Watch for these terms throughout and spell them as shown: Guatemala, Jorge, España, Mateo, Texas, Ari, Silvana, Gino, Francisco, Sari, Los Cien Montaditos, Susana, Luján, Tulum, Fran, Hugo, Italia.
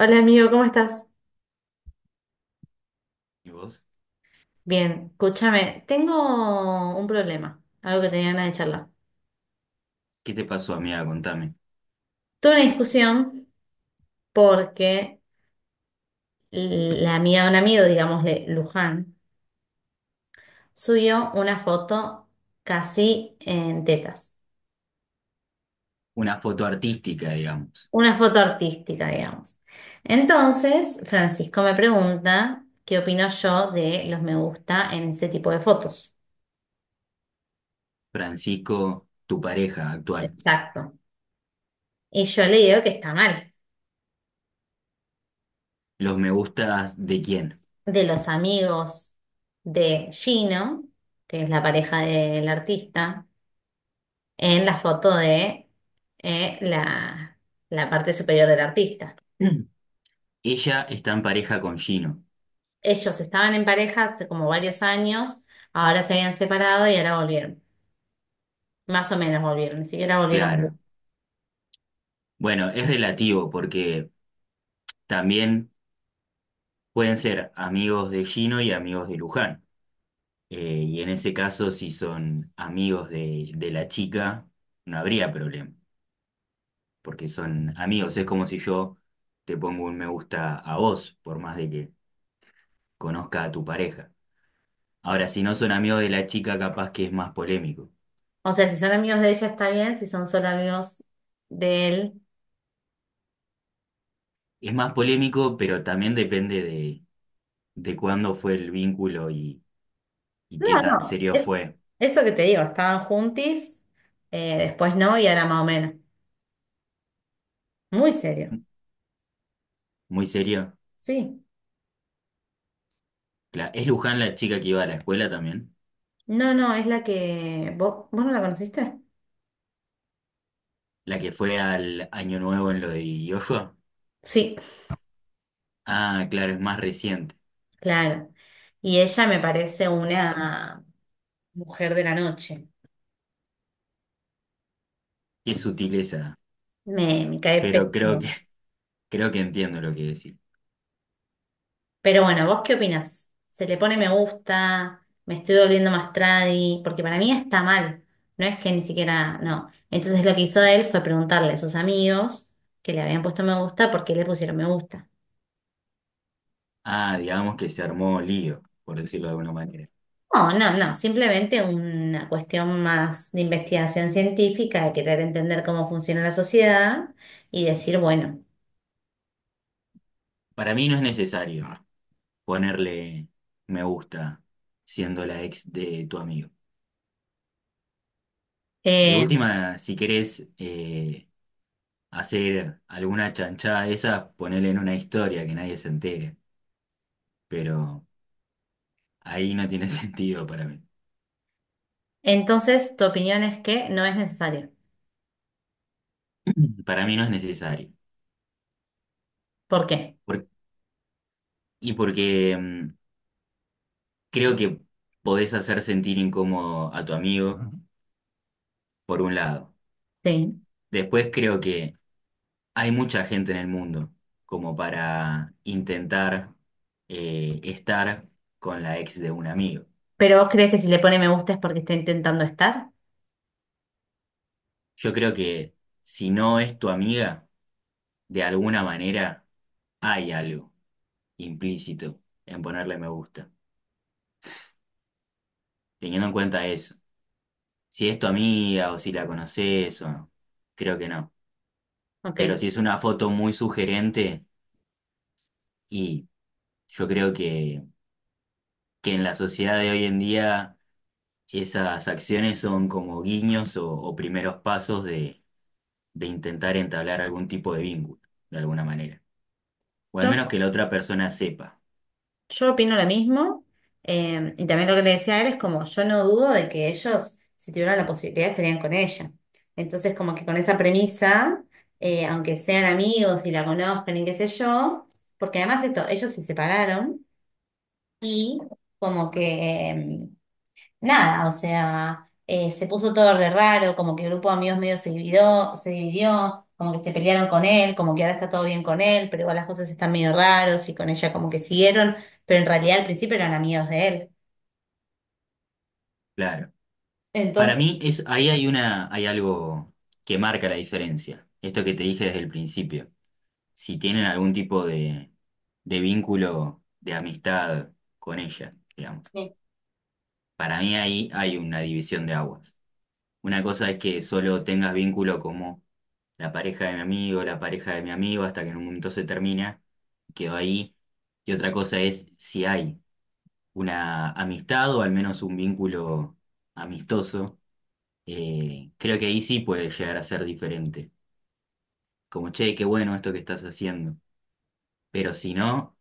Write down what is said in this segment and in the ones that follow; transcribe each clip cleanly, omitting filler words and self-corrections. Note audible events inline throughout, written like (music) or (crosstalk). Hola amigo, ¿cómo estás? ¿Y vos? Bien, escúchame, tengo un problema, algo que tenía ganas de charlar. ¿Qué te pasó, amiga? Contame. Tuve una discusión porque la amiga de un amigo, digámosle Luján, subió una foto casi en tetas, Una foto artística, digamos. una foto artística, digamos. Entonces, Francisco me pregunta qué opino yo de los me gusta en ese tipo de fotos. Francisco, tu pareja actual. Exacto. Y yo le digo que está mal. ¿Los me gustas de quién? (clears throat) De los amigos de Gino, que es la pareja del artista, en la foto de eh, la, la parte superior del artista. Mm. Ella está en pareja con Gino. Ellos estaban en pareja hace como varios años, ahora se habían separado y ahora volvieron. Más o menos volvieron, ni siquiera volvieron bien. Claro. Bueno, es relativo porque también pueden ser amigos de Gino y amigos de Luján. Y en ese caso, si son amigos de la chica, no habría problema, porque son amigos. Es como si yo te pongo un me gusta a vos, por más de que conozca a tu pareja. Ahora, si no son amigos de la chica, capaz que es más polémico. O sea, si son amigos de ella está bien, si son solo amigos de él. Es más polémico, pero también depende de cuándo fue el vínculo y No, qué tan no, serio fue. eso que te digo, estaban juntis, después no y ahora más o menos. Muy serio, Muy serio. sí. ¿Es Luján la chica que iba a la escuela también? No, no, es la que. ¿Vos no la conociste? ¿La que fue al Año Nuevo en lo de Yoshua? Sí, Ah, claro, es más reciente. claro. Y ella me parece una mujer de la noche. Qué sutileza. Me cae Pero pésimo. creo que, (laughs) creo que entiendo lo que decís. Pero bueno, ¿vos qué opinás? ¿Se le pone me gusta? ¿Me estoy volviendo más tradi? Porque para mí está mal. No es que ni siquiera. No. Entonces lo que hizo él fue preguntarle a sus amigos que le habían puesto me gusta por qué le pusieron me gusta. Ah, digamos que se armó lío, por decirlo de alguna manera. No, no, no, simplemente una cuestión más de investigación científica, de querer entender cómo funciona la sociedad y decir, bueno, Para mí no es necesario ponerle me gusta siendo la ex de tu amigo. De eh, última, si querés, hacer alguna chanchada de esas, ponele en una historia que nadie se entere, pero ahí no tiene (laughs) sentido para mí. entonces tu opinión es que no es necesario. Para mí no es necesario. ¿Por qué? Por- y porque mm, creo que podés hacer sentir incómodo a tu amigo, por un lado. Sí. Después creo que hay mucha gente en el mundo como para intentar, estar con la ex de un amigo. ¿Pero vos crees que si le pone me gusta es porque está intentando estar? Yo creo que si no es tu amiga, de alguna manera hay algo implícito en ponerle me gusta, teniendo en cuenta eso. Si es tu amiga o si la conoces o no, creo que no. Pero Ok. si es una foto muy sugerente y yo creo que en la sociedad de hoy en día esas acciones son como guiños o primeros pasos de intentar entablar algún tipo de vínculo, de alguna manera. O al Yo menos que la otra persona sepa, Yo opino lo mismo, y también lo que le decía a él es como, yo no dudo de que ellos, si tuvieran la posibilidad, estarían con ella. Entonces, como que con esa premisa, aunque sean amigos y la conozcan y qué sé yo, porque además esto, ellos se separaron y como que nada, o sea, se puso todo re raro, como que el grupo de amigos medio se dividió, como que se pelearon con él, como que ahora está todo bien con él, pero igual las cosas están medio raros y con ella como que siguieron, pero en realidad al principio eran amigos de él. claro. Para Entonces, mí es, ahí hay una, hay algo que marca la diferencia. Esto que te dije desde el principio. Si tienen algún tipo de vínculo de amistad con ella, digamos. eh, Para mí ahí hay una división de aguas. Una cosa es que solo tengas vínculo como la pareja de mi amigo, la pareja de mi amigo, hasta que en un momento se termina, quedó ahí. Y otra cosa es si hay una amistad o al menos un vínculo amistoso. Creo que ahí sí puede llegar a ser diferente. Como, che, qué bueno esto que estás haciendo. Pero si no,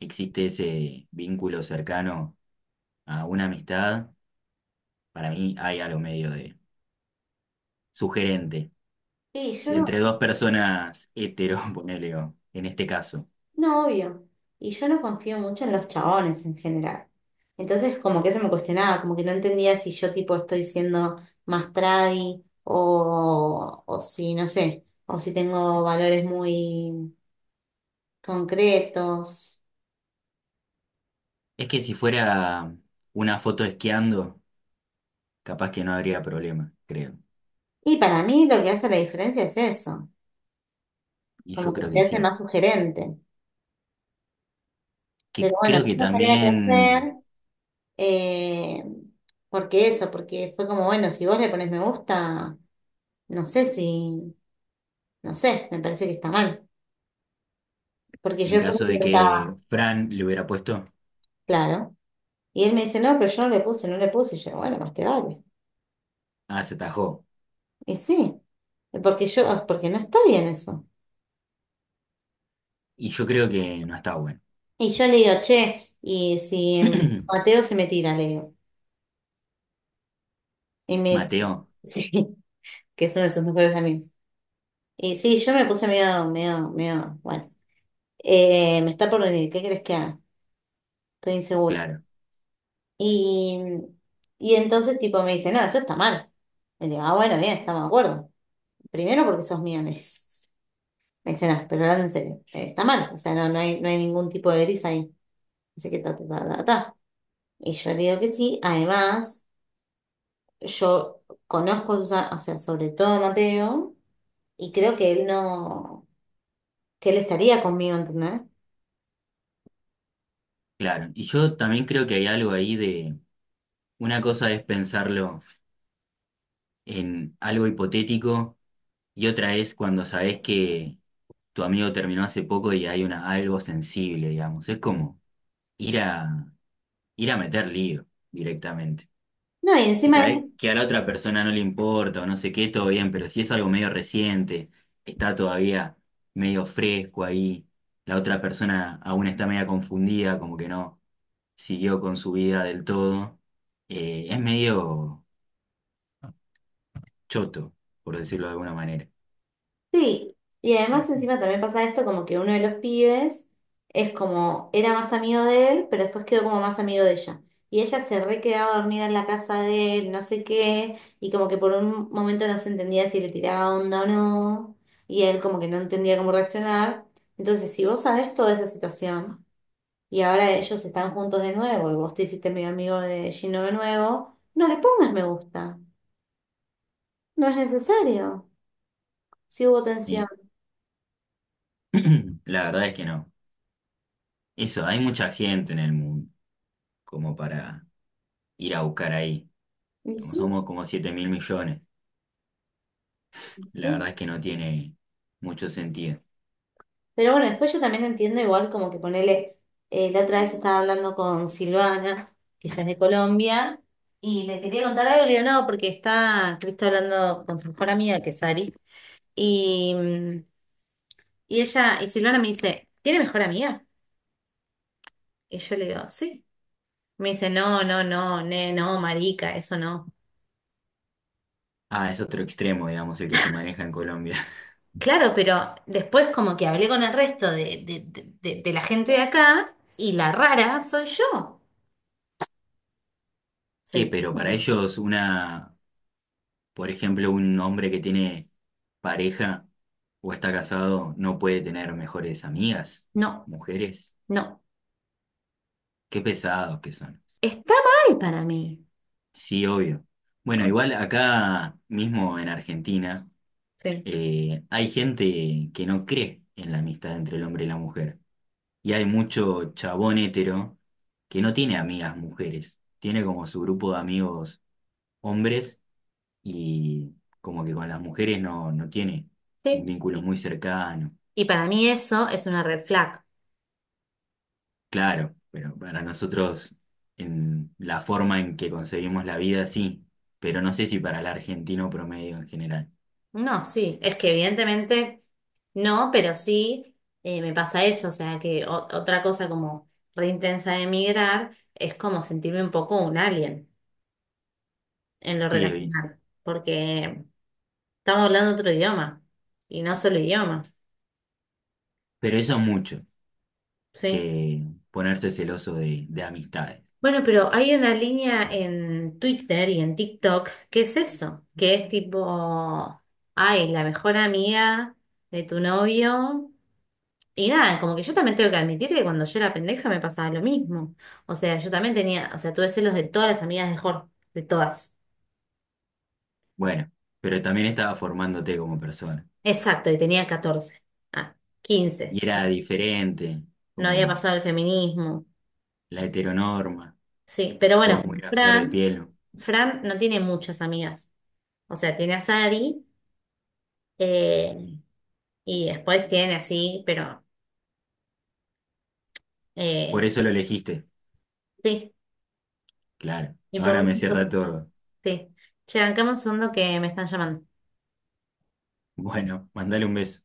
existe ese vínculo cercano a una amistad, para mí hay algo medio de sugerente. sí, yo Si entre no, dos personas hetero, (laughs) ponele, o en este caso. no, obvio. Y yo no confío mucho en los chabones en general. Entonces, como que eso me cuestionaba, como que no entendía si yo tipo estoy siendo más tradi o si, no sé, o si tengo valores muy concretos. Es que si fuera una foto esquiando, capaz que no habría problema, creo. Y para mí lo que hace la diferencia es eso, Y yo como que creo te que hace sí. más sugerente. Que Pero bueno, creo yo que no sabía qué hacer, también eh, porque eso, porque fue como, bueno, si vos le pones me gusta, no sé si, no sé, me parece que está mal. Porque yo en después caso le de que preguntaba, Fran le hubiera puesto, claro. Y él me dice, no, pero yo no le puse, no le puse. Y yo, bueno, más te vale. ah, se atajó. Y sí, porque yo, porque no está bien eso. Y yo creo que no está bueno. Y yo le digo, che, y si (clears throat) Mateo se me tira, le digo. Y me dice, Mateo, (laughs) sí, que es uno de sus mejores amigos. Y sí, yo me puse medio, bueno, me está por venir, ¿qué crees que haga? Estoy insegura. claro, Y, y entonces tipo me dice, no, eso está mal. Y le digo, ah, bueno, bien, estamos de acuerdo. Primero porque sos mía, me dice, no, pero hablando en serio, está mal, o sea, no, no hay ningún tipo de gris ahí. No sé qué ta, ta, ta, ta, ta. Y yo le digo que sí, además, yo o sea, sobre todo a Mateo, y creo que él no, que él estaría conmigo, ¿entendés? claro. Y yo también creo que hay algo ahí de, una cosa es pensarlo en algo hipotético y otra es cuando sabes que tu amigo terminó hace poco y hay una, algo sensible, digamos. Es como ir a ir a meter lío directamente. No, y Si encima, sabés esto- que a la otra persona no le importa o no sé qué, todo bien, pero si es algo medio reciente, está todavía medio fresco ahí, la otra persona aún está media confundida, como que no siguió con su vida del todo, es medio choto, por decirlo de alguna manera. Sí, y además encima también pasa esto como que uno de los pibes es como, era más amigo de él, pero después quedó como más amigo de ella. Y ella se re quedaba a dormir en la casa de él, no sé qué, y como que por un momento no se entendía si le tiraba onda o no, y él como que no entendía cómo reaccionar. Entonces, si vos sabés toda esa situación, y ahora ellos están juntos de nuevo, y vos te hiciste medio amigo de Gino de nuevo, no le pongas me gusta, no es necesario, si hubo tensión. Y (clears throat) la verdad es que no. Eso, hay mucha gente en el mundo como para ir a buscar ahí. Somos como 7.000.000.000. La verdad Sí. es que no tiene mucho sentido. Pero bueno, después yo también entiendo igual como que ponele, la otra vez estaba hablando con Silvana, que ella es de Colombia, y le quería contar algo, y le yo no, porque está Cristo hablando con su mejor amiga, que es Ari, y, mm, y ella, y Silvana me dice, ¿tiene mejor amiga? Y yo le digo, sí. Me dice, no, no, no, no, marica, eso no. Ah, es otro extremo, digamos, el que se maneja en Colombia. (laughs) Claro, pero después como que hablé con el resto de la gente de acá, y la rara soy yo. ¿Se ¿Qué? Pero para entiende? ellos una, por ejemplo, un hombre que tiene pareja o está casado no puede tener mejores amigas, No, mujeres. no. Qué pesados que son. Está mal para mí. Sí, obvio. Bueno, O s- igual acá mismo en Argentina Sí. Hay gente que no cree en la amistad entre el hombre y la mujer. Y hay mucho chabón hétero que no tiene amigas mujeres, tiene como su grupo de amigos hombres y como que con las mujeres no, no tiene Sí. un vínculo Y, muy cercano. y para mí eso es una red flag. Claro, pero para nosotros en la forma en que concebimos la vida sí, pero no sé si para el argentino promedio en general. No, sí, es que evidentemente no, pero sí me pasa eso. O sea, que otra cosa como re intensa de emigrar es como sentirme un poco un alien en lo Sí, Evi, relacional, porque estamos hablando otro idioma y no solo idioma. pero eso es mucho, Sí. que ponerse celoso de amistades. Bueno, pero hay una línea en Twitter y en TikTok que es eso, que es tipo, ay, la mejor amiga de tu novio. Y nada, como que yo también tengo que admitir que cuando yo era pendeja me pasaba lo mismo. O sea, yo también tenía, o sea, tuve celos de todas las amigas de Jorge, de todas. Bueno, pero también estaba formándote como persona. Exacto, y tenía 14, ah, 15. Y era diferente, No había como pasado el feminismo. la heteronorma, Sí, pero todo bueno, muy con a flor de Fran, piel. Fran no tiene muchas amigas. O sea, tiene a Sari. eh, Y después tiene así, pero Por eh, eso lo elegiste, sí, claro. y por Ahora me cierra mucho- todo. sí. Che, bancame un segundo que me están llamando. Bueno, mandale un beso.